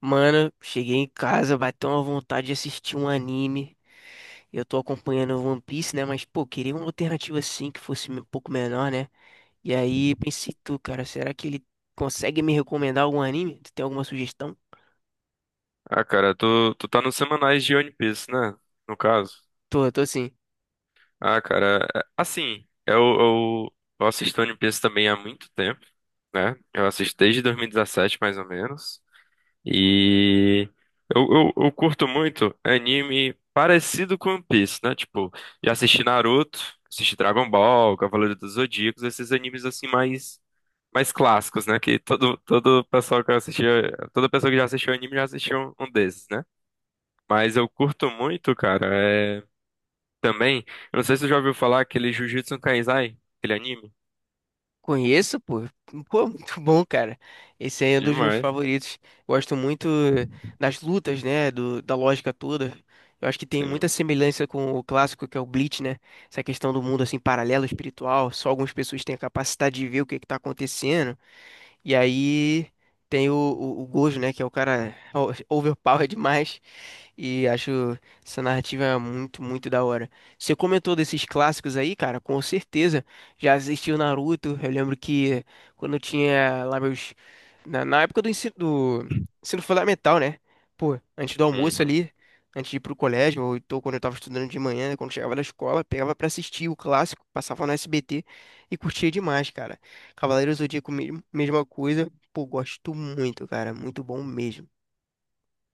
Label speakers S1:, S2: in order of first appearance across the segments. S1: Mano, cheguei em casa, bateu uma vontade de assistir um anime. Eu tô acompanhando One Piece, né? Mas, pô, queria uma alternativa assim que fosse um pouco menor, né? E aí pensei, tu, cara, será que ele consegue me recomendar algum anime? Tu tem alguma sugestão?
S2: Ah, cara, tu tá nos semanais de One Piece, né? No caso.
S1: Tô, tô sim.
S2: Ah, cara, assim, eu assisto One Piece também há muito tempo, né? Eu assisto desde 2017, mais ou menos. E eu curto muito anime parecido com One Piece, né? Tipo, já assisti Naruto, assisti Dragon Ball, Cavaleiro dos Zodíacos, esses animes assim mais clássicos, né? Que todo pessoal que assistiu, toda pessoa que já assistiu anime já assistiu um desses, né? Mas eu curto muito, cara. É... Também, eu não sei se você já ouviu falar aquele Jujutsu Kaisai, aquele anime.
S1: Conheço, pô. Pô, muito bom, cara. Esse aí é um dos meus
S2: Demais,
S1: favoritos. Gosto muito das lutas, né? Da lógica toda. Eu acho que tem
S2: sim.
S1: muita semelhança com o clássico que é o Bleach, né? Essa questão do mundo assim paralelo espiritual. Só algumas pessoas têm a capacidade de ver o que que tá acontecendo. E aí tem o Gojo, né? Que é o cara overpower demais. E acho essa narrativa muito, muito da hora. Você comentou desses clássicos aí, cara, com certeza. Já assisti o Naruto. Eu lembro que quando eu tinha lá meus. Na época do ensino fundamental, né? Pô, antes do almoço
S2: Uhum.
S1: ali, antes de ir pro colégio, ou então quando eu tava estudando de manhã, né, quando chegava da escola, pegava pra assistir o clássico, passava no SBT e curtia demais, cara. Cavaleiros do Zodíaco, mesma coisa. Pô, gosto muito, cara. Muito bom mesmo.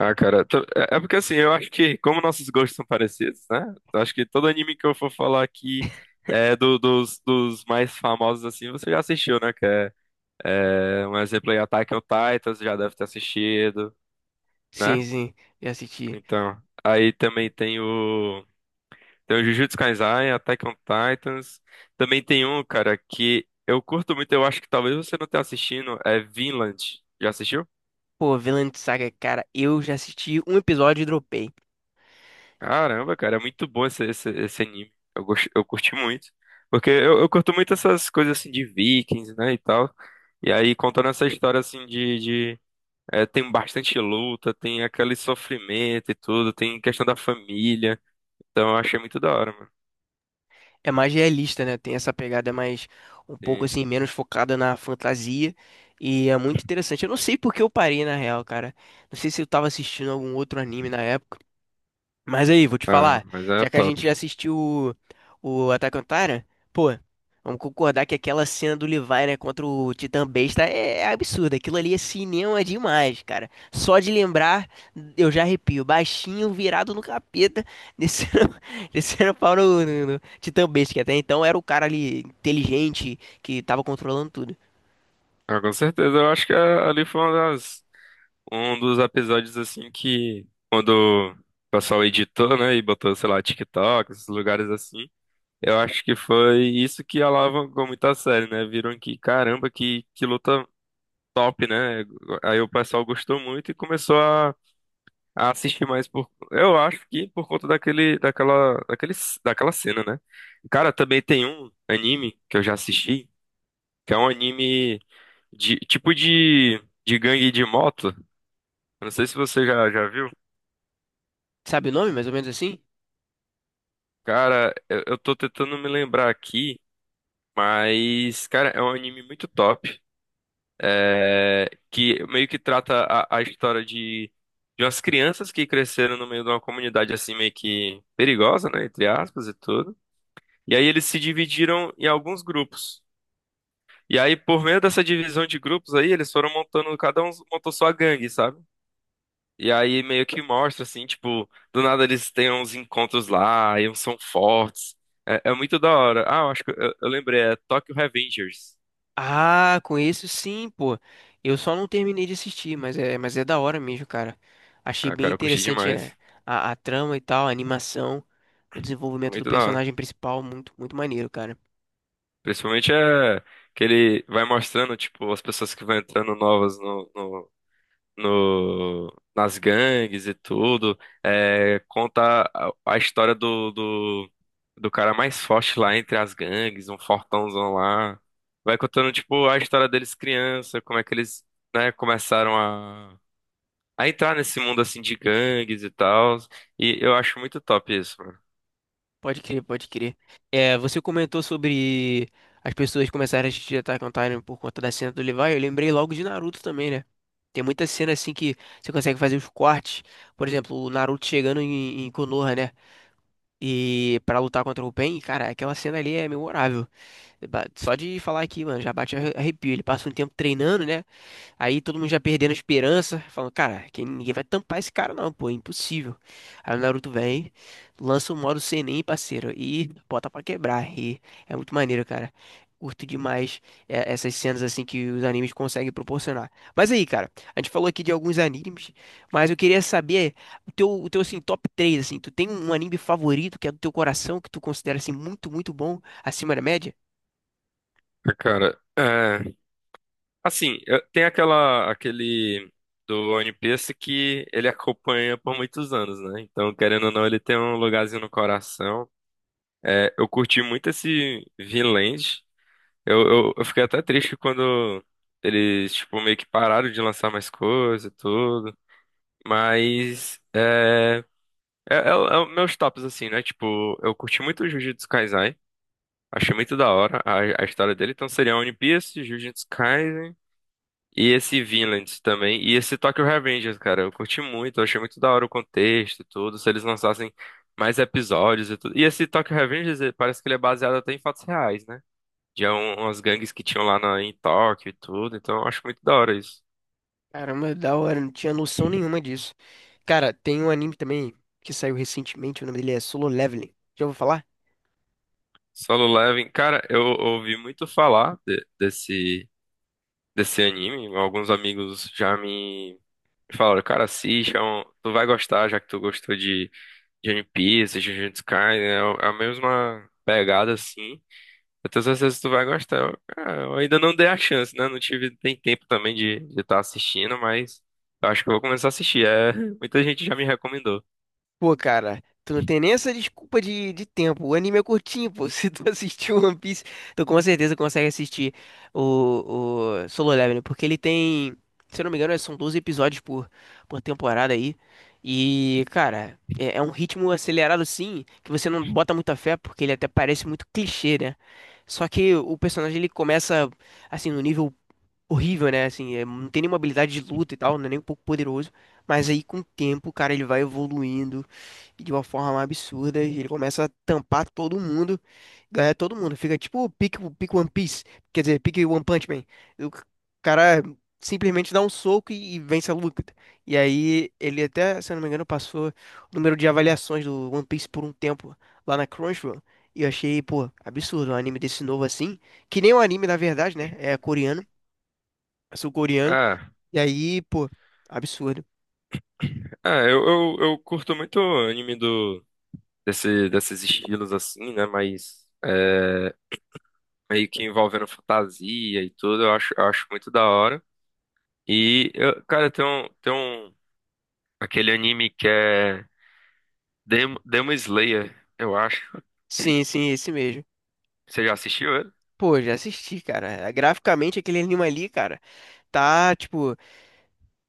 S2: Ah, cara, é é porque assim, eu acho que, como nossos gostos são parecidos, né? Eu acho que todo anime que eu for falar aqui é dos mais famosos, assim, você já assistiu, né? É, um exemplo aí, Attack on Titan, você já deve ter assistido,
S1: Sim,
S2: né?
S1: sim, já assisti.
S2: Então, aí também tem o. Tem o Jujutsu Kaisen, Attack on Titans. Também tem um, cara, que eu curto muito, eu acho que talvez você não tenha assistindo, é Vinland. Já assistiu?
S1: Pô, Vinland Saga, cara, eu já assisti um episódio e dropei.
S2: Caramba, cara, é muito bom esse anime. Eu curti muito. Porque eu curto muito essas coisas assim de Vikings, né, e tal. E aí, contando essa história assim de é, tem bastante luta, tem aquele sofrimento e tudo, tem questão da família. Então eu achei muito da hora, mano.
S1: É mais realista, né? Tem essa pegada mais um pouco
S2: Sim.
S1: assim, menos focada na fantasia. E é muito interessante. Eu não sei por que eu parei, na real, cara. Não sei se eu tava assistindo algum outro anime na época. Mas aí, vou te
S2: Ah,
S1: falar,
S2: mas é
S1: já que a
S2: top.
S1: gente já assistiu o Attack on Titan, pô, vamos concordar que aquela cena do Levi, né, contra o Titã Besta é absurda. Aquilo ali é cinema demais, cara. Só de lembrar, eu já arrepio. Baixinho, virado no capeta, descendo, descendo pau no Titã Besta, que até então era o cara ali inteligente que tava controlando tudo.
S2: Ah, com certeza, eu acho que ali foi uma das. Um dos episódios assim que quando o pessoal editou, né, e botou, sei lá, TikTok, esses lugares assim, eu acho que foi isso que alavancou muito a série, né? Viram que, caramba, que luta top, né? Aí o pessoal gostou muito e começou a assistir mais por, eu acho que por conta daquela cena, né? Cara, também tem um anime que eu já assisti, que é um anime de tipo de gangue de moto. Eu não sei se você já viu.
S1: Sabe o nome, mais ou menos assim?
S2: Cara, eu tô tentando me lembrar aqui, mas, cara, é um anime muito top, é, que meio que trata a história de umas crianças que cresceram no meio de uma comunidade assim meio que perigosa, né, entre aspas e tudo. E aí eles se dividiram em alguns grupos. E aí, por meio dessa divisão de grupos aí, eles foram montando, cada um montou sua gangue, sabe? E aí meio que mostra, assim, tipo, do nada eles têm uns encontros lá, e uns são fortes. É, é muito da hora. Ah, eu acho que eu lembrei, é Tokyo Revengers.
S1: Ah, conheço sim, pô. Eu só não terminei de assistir, mas mas é da hora mesmo, cara. Achei
S2: Ah,
S1: bem
S2: cara, eu curti
S1: interessante é,
S2: demais.
S1: a trama e tal, a animação, o desenvolvimento do
S2: Muito da hora.
S1: personagem principal, muito, muito maneiro, cara.
S2: Principalmente é que ele vai mostrando, tipo, as pessoas que vão entrando novas no no- no, nas gangues e tudo. É, conta a história do cara mais forte lá entre as gangues, um fortãozão lá. Vai contando, tipo, a história deles criança, como é que eles, né, começaram a entrar nesse mundo, assim, de gangues e tal. E eu acho muito top isso, mano.
S1: Pode crer, pode crer. É, você comentou sobre as pessoas começarem a assistir Attack on Titan por conta da cena do Levi. Eu lembrei logo de Naruto também, né? Tem muita cena assim que você consegue fazer os cortes. Por exemplo, o Naruto chegando em Konoha, né? E para lutar contra o Pain, cara, aquela cena ali é memorável. Só de falar aqui, mano, já bate arrepio. Ele passa um tempo treinando, né? Aí todo mundo já perdendo a esperança, falando, cara, que ninguém vai tampar esse cara não, pô, é impossível. Aí o Naruto vem, lança o modo Senin, parceiro, e bota pra quebrar. E é muito maneiro, cara. Curto demais é, essas cenas assim que os animes conseguem proporcionar. Mas aí, cara, a gente falou aqui de alguns animes, mas eu queria saber o teu assim, top 3 assim, tu tem um anime favorito que é do teu coração, que tu considera assim muito, muito bom, acima da média?
S2: Cara, é. Assim, tem aquele do One Piece que ele acompanha por muitos anos, né? Então, querendo ou não, ele tem um lugarzinho no coração. É, eu curti muito esse Vinland. Eu fiquei até triste quando eles, tipo, meio que pararam de lançar mais coisa e tudo. Mas, é o meus tops, assim, né? Tipo, eu curti muito o Jujutsu Kaisen. Achei muito da hora a história dele. Então, seria One Piece, Jujutsu Kaisen. E esse Vinland também. E esse Tokyo Revengers, cara. Eu curti muito. Eu achei muito da hora o contexto e tudo. Se eles lançassem mais episódios e tudo. E esse Tokyo Revengers eh, parece que ele é baseado até em fatos reais, né? De umas gangues que tinham em Tóquio e tudo. Então eu acho muito da hora isso.
S1: Caramba, da hora, não tinha noção nenhuma disso. Cara, tem um anime também que saiu recentemente, o nome dele é Solo Leveling. Já ouviu falar?
S2: Solo Leveling. Cara, eu ouvi muito falar desse anime. Alguns amigos já me falaram, cara, assiste. É tu vai gostar, já que tu gostou de. De One Piece, de Jujutsu Kaisen, é é a mesma pegada assim. Eu tenho certeza que tu vai gostar. Ah, eu ainda não dei a chance, né? Não tive tem tempo também de estar assistindo, mas eu acho que eu vou começar a assistir. É, muita gente já me recomendou.
S1: Pô, cara, tu não tem nem essa desculpa de tempo. O anime é curtinho, pô. Se tu assistiu One Piece, tu com certeza consegue assistir o Solo Leveling, porque ele tem, se eu não me engano, são 12 episódios por temporada aí. E, cara, é um ritmo acelerado assim, que você não bota muita fé, porque ele até parece muito clichê, né? Só que o personagem ele começa assim no nível horrível, né? Assim, é, não tem nenhuma habilidade de luta e tal, não é nem um pouco poderoso, mas aí com o tempo, cara, ele vai evoluindo de uma forma absurda. E ele começa a tampar todo mundo, ganhar todo mundo. Fica tipo o pique One Piece, quer dizer, pique One Punch Man. O cara simplesmente dá um soco e vence a luta. E aí ele até, se eu não me engano, passou o número de avaliações do One Piece por um tempo lá na Crunchyroll. E eu achei, pô, absurdo um anime desse novo assim, que nem um anime na verdade, né? É coreano, é sul-coreano.
S2: Ah,
S1: E aí, pô, absurdo.
S2: é, eu curto muito anime do desse, desses estilos assim, né? Mas é, meio que envolvendo fantasia e tudo, eu acho muito da hora. Cara, tem um aquele anime que é Demon Slayer, eu acho.
S1: Sim, sim, esse mesmo.
S2: Você já assistiu ele?
S1: Pô, já assisti, cara. Graficamente, aquele anime ali, cara, tá, tipo,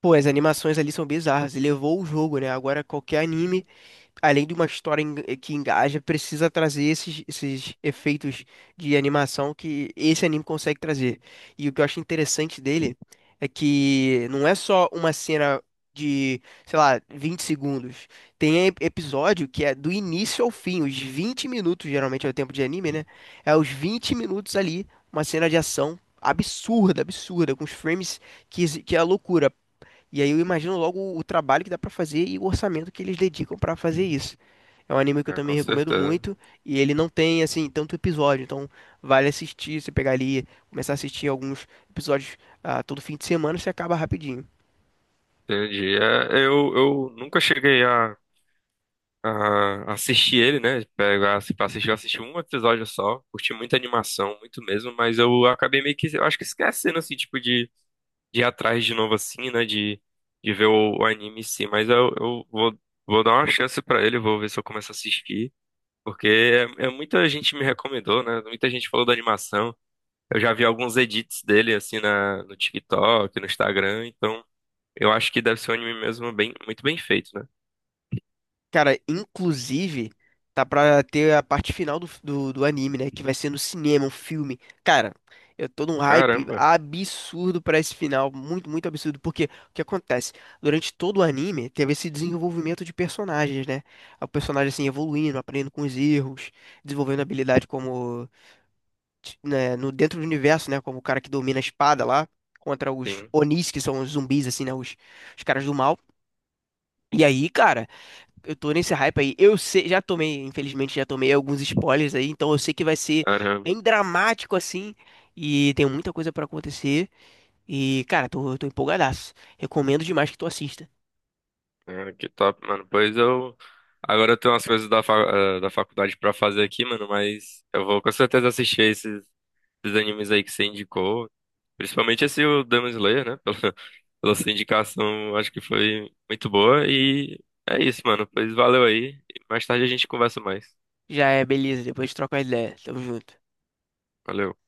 S1: pô, as animações ali são bizarras. E levou o jogo, né? Agora, qualquer anime além de uma história que engaja, precisa trazer esses, esses efeitos de animação que esse anime consegue trazer. E o que eu acho interessante dele é que não é só uma cena de, sei lá, 20 segundos. Tem episódio que é do início ao fim, os 20 minutos, geralmente é o tempo de anime, né? É os 20 minutos ali, uma cena de ação. Absurda, absurda, com os frames que, que é a loucura. E aí eu imagino logo o trabalho que dá pra fazer e o orçamento que eles dedicam pra fazer isso. É um anime que eu
S2: É,
S1: também
S2: com
S1: recomendo
S2: certeza.
S1: muito e ele não tem assim tanto episódio, então vale assistir, você pegar ali, começar a assistir alguns episódios ah, todo fim de semana, você acaba rapidinho.
S2: Entendi. É, eu nunca cheguei a assistir ele, né? Pegar assim, pra assistir, eu assisti um episódio só, curti muita animação, muito mesmo, mas eu acabei meio que, eu acho que esquecendo, assim, tipo, de ir atrás de novo, assim, né? De ver o anime em si, mas vou dar uma chance pra ele, vou ver se eu começo a assistir, porque é, é muita gente me recomendou, né? Muita gente falou da animação, eu já vi alguns edits dele, assim, na, no TikTok, no Instagram, então... Eu acho que deve ser um anime mesmo bem, muito bem feito, né?
S1: Cara, inclusive tá pra ter a parte final do anime, né, que vai ser no cinema, um filme. Cara, eu tô num hype
S2: Caramba,
S1: absurdo pra esse final, muito, muito absurdo, porque o que acontece? Durante todo o anime teve esse desenvolvimento de personagens, né? O personagem assim evoluindo, aprendendo com os erros, desenvolvendo habilidade como né, no dentro do universo, né, como o cara que domina a espada lá contra os
S2: sim,
S1: Onis, que são os zumbis assim, né, os caras do mal. E aí, cara, eu tô nesse hype aí. Eu sei, já tomei, infelizmente já tomei alguns spoilers aí, então eu sei que vai ser
S2: caramba.
S1: bem dramático assim e tem muita coisa pra acontecer. E, cara, tô, tô empolgadaço. Recomendo demais que tu assista.
S2: Ah, que top, mano. Pois eu. Agora eu tenho umas coisas da, fa... eh, da faculdade pra fazer aqui, mano, mas eu vou com certeza assistir esses animes aí que você indicou. Principalmente esse o Demon Slayer, né? Pela, pela sua indicação, acho que foi muito boa. E é isso, mano. Pois valeu aí. Mais tarde a gente conversa mais.
S1: Já é beleza, depois troca a ideia. Tamo junto.
S2: Valeu.